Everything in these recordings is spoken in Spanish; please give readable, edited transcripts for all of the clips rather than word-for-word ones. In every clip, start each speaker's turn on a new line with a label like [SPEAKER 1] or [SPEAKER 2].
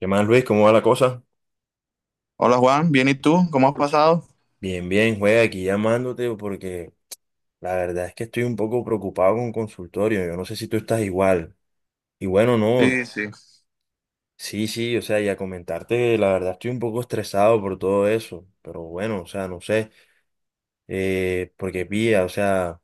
[SPEAKER 1] ¿Qué más, Luis? ¿Cómo va la cosa?
[SPEAKER 2] Hola Juan, bien, ¿y tú? ¿Cómo has pasado?
[SPEAKER 1] Bien, bien, juega aquí llamándote porque la verdad es que estoy un poco preocupado con consultorio. Yo no sé si tú estás igual. Y bueno, no,
[SPEAKER 2] Sí, sí.
[SPEAKER 1] sí, sí, o sea, y a comentarte que la verdad estoy un poco estresado por todo eso. Pero bueno, o sea, no sé, porque pilla, o sea,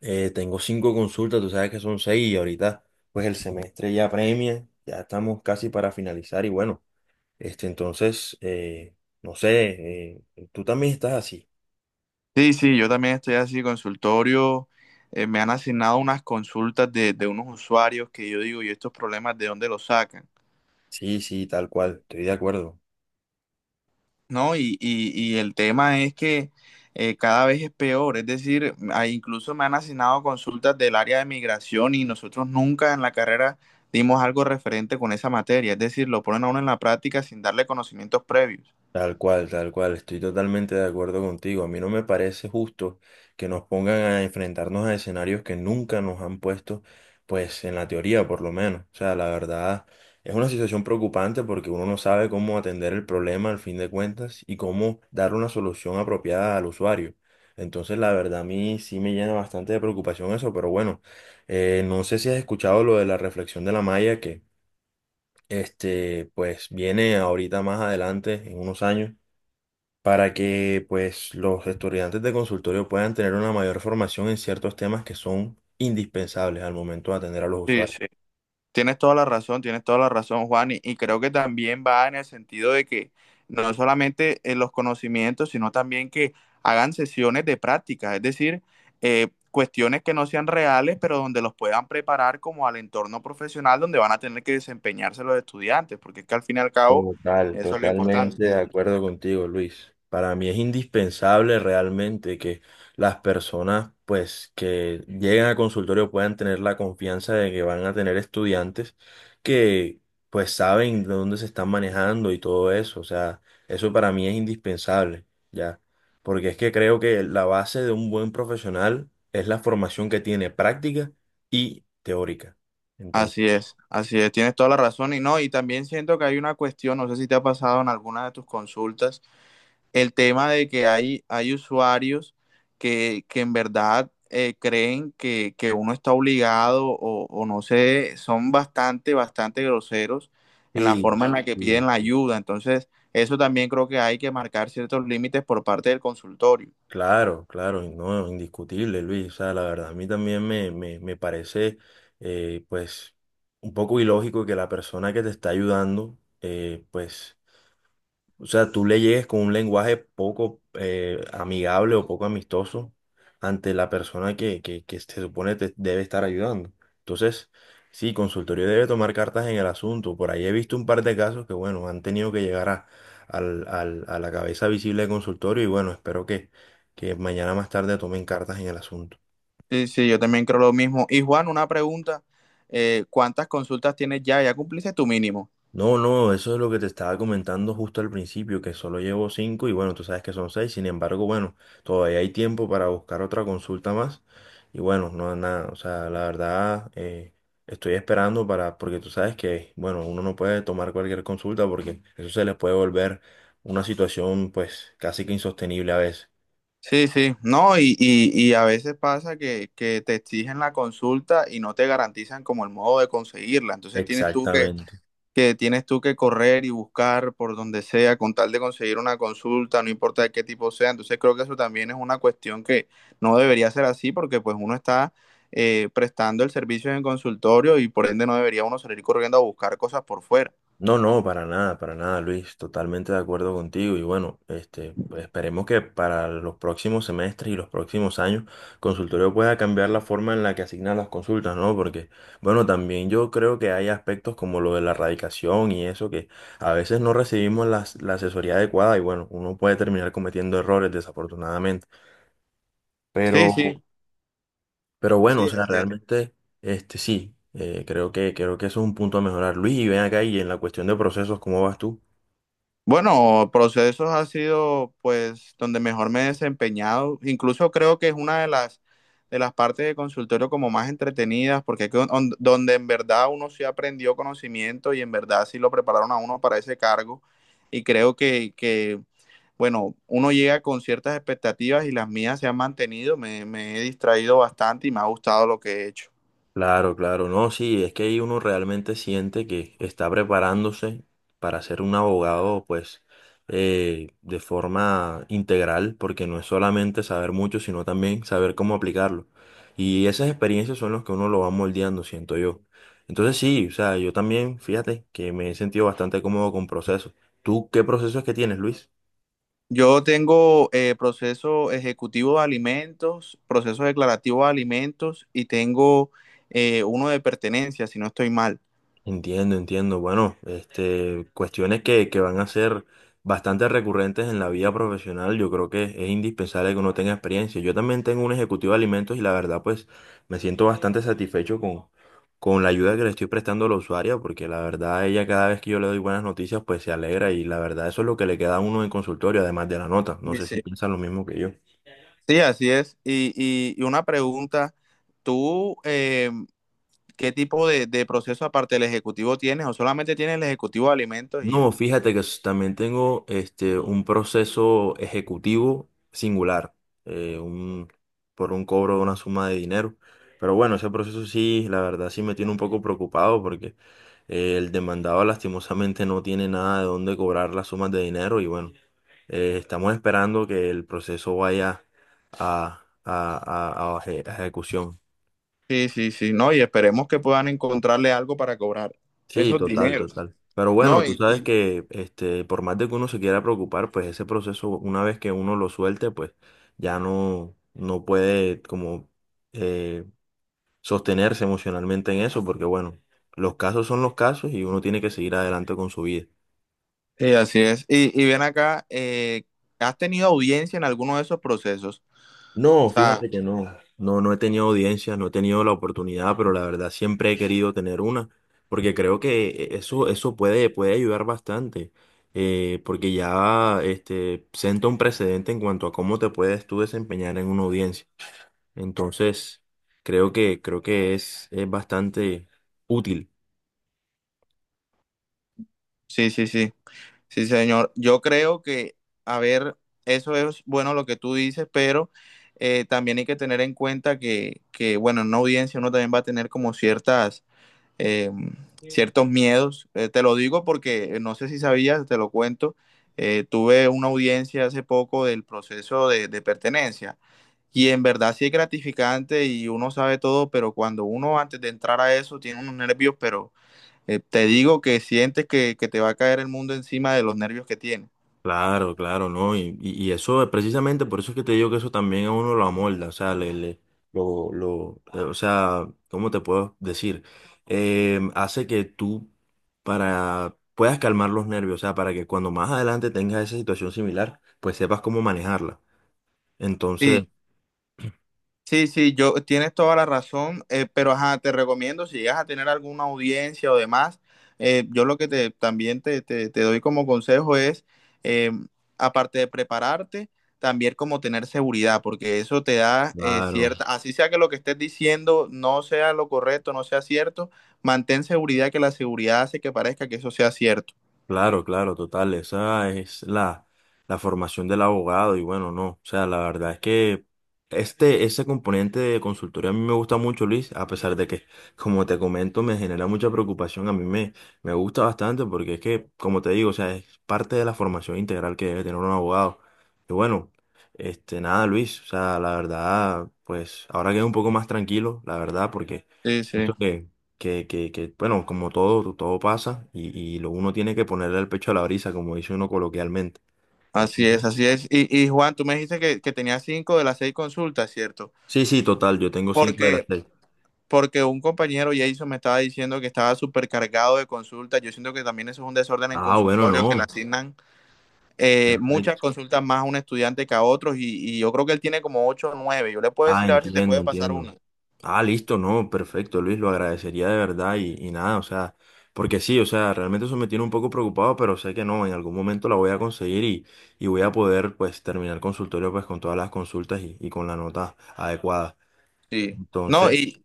[SPEAKER 1] tengo cinco consultas, tú sabes que son seis y ahorita pues el semestre ya premia, ya estamos casi para finalizar y bueno, este entonces, no sé, tú también estás así.
[SPEAKER 2] Sí, sí, yo también estoy así, consultorio. Me han asignado unas consultas de unos usuarios que yo digo, ¿y estos problemas de dónde los sacan?
[SPEAKER 1] Sí, sí, tal cual, estoy de acuerdo,
[SPEAKER 2] ¿No? Y el tema es que cada vez es peor. Es decir, incluso me han asignado consultas del área de migración y nosotros nunca en la carrera dimos algo referente con esa materia. Es decir, lo ponen a uno en la práctica sin darle conocimientos previos.
[SPEAKER 1] tal cual, estoy totalmente de acuerdo contigo. A mí no me parece justo que nos pongan a enfrentarnos a escenarios que nunca nos han puesto, pues en la teoría por lo menos. O sea, la verdad es una situación preocupante porque uno no sabe cómo atender el problema al fin de cuentas y cómo dar una solución apropiada al usuario. Entonces, la verdad a mí sí me llena bastante de preocupación eso, pero bueno, no sé si has escuchado lo de la reflexión de la malla que este, pues viene ahorita más adelante, en unos años, para que pues los estudiantes de consultorio puedan tener una mayor formación en ciertos temas que son indispensables al momento de atender a los
[SPEAKER 2] Sí, sí.
[SPEAKER 1] usuarios.
[SPEAKER 2] Tienes toda la razón, tienes toda la razón, Juan, y creo que también va en el sentido de que no solamente en los conocimientos, sino también que hagan sesiones de práctica, es decir, cuestiones que no sean reales, pero donde los puedan preparar como al entorno profesional donde van a tener que desempeñarse los estudiantes, porque es que al fin y al cabo
[SPEAKER 1] Total,
[SPEAKER 2] eso es lo importante.
[SPEAKER 1] totalmente de acuerdo contigo, Luis. Para mí es indispensable realmente que las personas, pues, que llegan a consultorio puedan tener la confianza de que van a tener estudiantes que, pues, saben de dónde se están manejando y todo eso. O sea, eso para mí es indispensable, ¿ya? Porque es que creo que la base de un buen profesional es la formación que tiene práctica y teórica. Entonces,
[SPEAKER 2] Así es, tienes toda la razón y no, y también siento que hay una cuestión, no sé si te ha pasado en alguna de tus consultas el tema de que hay usuarios que en verdad creen que uno está obligado o no sé, son bastante, bastante groseros en la
[SPEAKER 1] sí.
[SPEAKER 2] forma en la que piden la ayuda. Entonces, eso también creo que hay que marcar ciertos límites por parte del consultorio.
[SPEAKER 1] Claro, claro, no, indiscutible, Luis. O sea, la verdad, a mí también me parece, pues, un poco ilógico que la persona que te está ayudando, pues, o sea, tú le llegues con un lenguaje poco amigable o poco amistoso ante la persona que se supone te debe estar ayudando. Entonces, sí, consultorio debe tomar cartas en el asunto. Por ahí he visto un par de casos que, bueno, han tenido que llegar a, a la cabeza visible de consultorio y bueno, espero que mañana más tarde tomen cartas en el asunto.
[SPEAKER 2] Sí, sí, yo también creo lo mismo. Y Juan, una pregunta, ¿cuántas consultas tienes ya? ¿Ya cumpliste tu mínimo?
[SPEAKER 1] No, no, eso es lo que te estaba comentando justo al principio, que solo llevo cinco y bueno, tú sabes que son seis, sin embargo, bueno, todavía hay tiempo para buscar otra consulta más y bueno, no nada, o sea, la verdad estoy esperando para, porque tú sabes que, bueno, uno no puede tomar cualquier consulta porque eso se les puede volver una situación pues casi que insostenible a veces.
[SPEAKER 2] Sí, sí, no, y a veces pasa que te exigen la consulta y no te garantizan como el modo de conseguirla. Entonces
[SPEAKER 1] Exactamente.
[SPEAKER 2] tienes tú que correr y buscar por donde sea con tal de conseguir una consulta, no importa de qué tipo sea. Entonces creo que eso también es una cuestión que no debería ser así porque pues uno está prestando el servicio en el consultorio y por ende no debería uno salir corriendo a buscar cosas por fuera.
[SPEAKER 1] No, no, para nada, Luis, totalmente de acuerdo contigo y bueno, este, pues esperemos que para los próximos semestres y los próximos años consultorio pueda cambiar la forma en la que asignan las consultas, ¿no? Porque bueno, también yo creo que hay aspectos como lo de la radicación y eso que a veces no recibimos la asesoría adecuada y bueno, uno puede terminar cometiendo errores desafortunadamente,
[SPEAKER 2] Sí,
[SPEAKER 1] pero,
[SPEAKER 2] sí,
[SPEAKER 1] pero bueno, o
[SPEAKER 2] sí,
[SPEAKER 1] sea,
[SPEAKER 2] así es.
[SPEAKER 1] realmente, este, sí, creo que eso es un punto a mejorar, Luis, y ven acá y en la cuestión de procesos, ¿cómo vas tú?
[SPEAKER 2] Bueno, procesos ha sido pues donde mejor me he desempeñado. Incluso creo que es una de las partes de consultorio como más entretenidas, porque es que donde en verdad uno sí aprendió conocimiento y en verdad sí lo prepararon a uno para ese cargo. Y creo que bueno, uno llega con ciertas expectativas y las mías se han mantenido. Me he distraído bastante y me ha gustado lo que he hecho.
[SPEAKER 1] Claro, claro, no, sí, es que ahí uno realmente siente que está preparándose para ser un abogado, pues, de forma integral, porque no es solamente saber mucho, sino también saber cómo aplicarlo. Y esas experiencias son las que uno lo va moldeando, siento yo. Entonces sí, o sea, yo también, fíjate, que me he sentido bastante cómodo con procesos. ¿Tú qué procesos que tienes, Luis?
[SPEAKER 2] Yo tengo proceso ejecutivo de alimentos, proceso declarativo de alimentos y tengo uno de pertenencia, si no estoy mal.
[SPEAKER 1] Entiendo, entiendo. Bueno, este, cuestiones que van a ser bastante recurrentes en la vida profesional. Yo creo que es indispensable que uno tenga experiencia. Yo también tengo un ejecutivo de alimentos y la verdad, pues, me siento bastante satisfecho con la ayuda que le estoy prestando a la usuaria, porque la verdad, ella cada vez que yo le doy buenas noticias, pues se alegra y la verdad, eso es lo que le queda a uno en consultorio, además de la nota. No sé si
[SPEAKER 2] Dice.
[SPEAKER 1] piensan lo mismo que yo.
[SPEAKER 2] Sí, así es. Y una pregunta, ¿tú qué tipo de proceso aparte del ejecutivo tienes o solamente tienes el ejecutivo de alimentos y ya?
[SPEAKER 1] No, fíjate que también tengo este, un proceso ejecutivo singular, eh, un, por un cobro de una suma de dinero. Pero bueno, ese proceso sí, la verdad sí me tiene un poco preocupado porque el demandado lastimosamente no tiene nada de dónde cobrar las sumas de dinero y bueno, estamos esperando que el proceso vaya a ejecución.
[SPEAKER 2] Sí, sí, sí, no, y esperemos que puedan encontrarle algo para cobrar
[SPEAKER 1] Sí,
[SPEAKER 2] esos
[SPEAKER 1] total,
[SPEAKER 2] dineros,
[SPEAKER 1] total. Pero bueno,
[SPEAKER 2] ¿no?
[SPEAKER 1] tú sabes que este, por más de que uno se quiera preocupar, pues ese proceso, una vez que uno lo suelte, pues ya no, no puede como eh, sostenerse emocionalmente en eso, porque bueno, los casos son los casos y uno tiene que seguir adelante con su vida.
[SPEAKER 2] Sí, así es. Y ven acá, ¿has tenido audiencia en alguno de esos procesos? O
[SPEAKER 1] No,
[SPEAKER 2] sea,
[SPEAKER 1] fíjate que no, no, no he tenido audiencias, no he tenido la oportunidad, pero la verdad siempre he querido tener una, porque creo que eso, eso puede, puede ayudar bastante, porque ya este, sienta un precedente en cuanto a cómo te puedes tú desempeñar en una audiencia. Entonces, creo que es bastante útil.
[SPEAKER 2] sí, sí, sí. Sí, señor. Yo creo que, a ver, eso es bueno lo que tú dices, pero también hay que tener en cuenta que bueno, en una audiencia uno también va a tener como ciertas, eh, ciertos miedos. Te lo digo porque no sé si sabías, te lo cuento. Tuve una audiencia hace poco del proceso de pertenencia y en verdad sí es gratificante y uno sabe todo, pero cuando uno antes de entrar a eso tiene unos nervios, pero te digo que sientes que te va a caer el mundo encima de los nervios que tienes.
[SPEAKER 1] Claro, claro, ¿no? Y eso es precisamente por eso es que te digo que eso también a uno lo amolda, o sea, o sea, ¿cómo te puedo decir? Hace que tú para puedas calmar los nervios, o sea, para que cuando más adelante tengas esa situación similar, pues sepas cómo manejarla. Entonces,
[SPEAKER 2] Sí, sí, sí, yo tienes toda la razón, pero ajá, te recomiendo si llegas a tener alguna audiencia o demás, yo lo que te también te doy como consejo es, eh, aparte de prepararte, también como tener seguridad, porque eso te da
[SPEAKER 1] claro.
[SPEAKER 2] cierta, así sea que lo que estés diciendo no sea lo correcto, no sea cierto, mantén seguridad que la seguridad hace que parezca que eso sea cierto.
[SPEAKER 1] Claro, claro, total. Esa es la, la formación del abogado y bueno, no. O sea, la verdad es que este, ese componente de consultoría a mí me gusta mucho, Luis, a pesar de que, como te comento, me genera mucha preocupación. A mí me gusta bastante porque es que, como te digo, o sea, es parte de la formación integral que debe tener un abogado. Y bueno, este, nada, Luis, o sea, la verdad, pues ahora quedé un poco más tranquilo, la verdad, porque
[SPEAKER 2] Sí,
[SPEAKER 1] eso
[SPEAKER 2] sí.
[SPEAKER 1] que bueno, como todo, todo pasa y lo uno tiene que ponerle el pecho a la brisa, como dice uno coloquialmente.
[SPEAKER 2] Así es,
[SPEAKER 1] Entonces,
[SPEAKER 2] así es. Y Juan, tú me dijiste que tenía cinco de las seis consultas, ¿cierto?
[SPEAKER 1] sí, sí, total, yo tengo cinco de las
[SPEAKER 2] Porque,
[SPEAKER 1] seis.
[SPEAKER 2] porque un compañero, Jason, me estaba diciendo que estaba supercargado de consultas. Yo siento que también eso es un desorden en
[SPEAKER 1] Ah, bueno,
[SPEAKER 2] consultorio, que le
[SPEAKER 1] no.
[SPEAKER 2] asignan muchas
[SPEAKER 1] Perfecto.
[SPEAKER 2] consultas más a un estudiante que a otros. Y yo creo que él tiene como ocho o nueve. Yo le puedo
[SPEAKER 1] Ah,
[SPEAKER 2] decir a ver si te
[SPEAKER 1] entiendo,
[SPEAKER 2] puede pasar
[SPEAKER 1] entiendo.
[SPEAKER 2] una.
[SPEAKER 1] Ah, listo, no, perfecto, Luis, lo agradecería de verdad y nada, o sea, porque sí, o sea, realmente eso me tiene un poco preocupado, pero sé que no, en algún momento la voy a conseguir y voy a poder, pues, terminar el consultorio, pues, con todas las consultas y con la nota adecuada.
[SPEAKER 2] Sí.
[SPEAKER 1] Entonces...
[SPEAKER 2] No, y,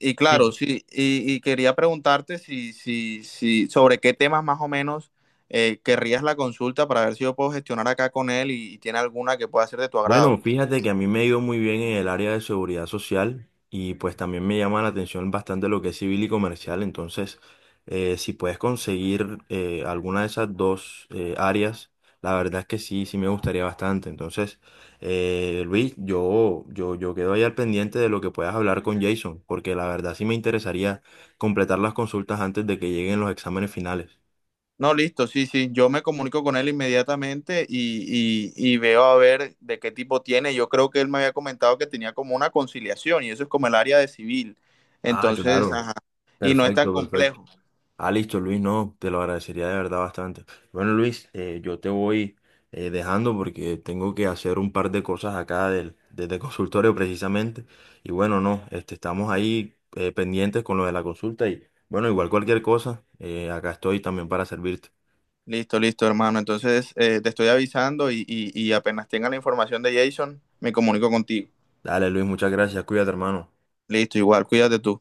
[SPEAKER 2] Y claro, sí, y quería preguntarte si sobre qué temas más o menos querrías la consulta para ver si yo puedo gestionar acá con él y tiene alguna que pueda ser de tu agrado.
[SPEAKER 1] Bueno, fíjate que a mí me ha ido muy bien en el área de seguridad social y pues también me llama la atención bastante lo que es civil y comercial. Entonces, si puedes conseguir alguna de esas dos áreas, la verdad es que sí, sí me gustaría bastante. Entonces, Luis, yo quedo ahí al pendiente de lo que puedas hablar con Jason, porque la verdad sí me interesaría completar las consultas antes de que lleguen los exámenes finales.
[SPEAKER 2] No, listo, sí, sí, yo me comunico con él inmediatamente y veo a ver de qué tipo tiene. Yo creo que él me había comentado que tenía como una conciliación y eso es como el área de civil.
[SPEAKER 1] Ah,
[SPEAKER 2] Entonces,
[SPEAKER 1] claro.
[SPEAKER 2] ajá, y no es tan
[SPEAKER 1] Perfecto, perfecto.
[SPEAKER 2] complejo.
[SPEAKER 1] Ah, listo, Luis, no, te lo agradecería de verdad bastante. Bueno, Luis, yo te voy dejando porque tengo que hacer un par de cosas acá del, desde el consultorio precisamente. Y bueno, no, este, estamos ahí pendientes con lo de la consulta y bueno, igual cualquier cosa, acá estoy también para servirte.
[SPEAKER 2] Listo, listo, hermano. Entonces, te estoy avisando y apenas tenga la información de Jason, me comunico contigo.
[SPEAKER 1] Dale, Luis, muchas gracias, cuídate, hermano.
[SPEAKER 2] Listo, igual, cuídate tú.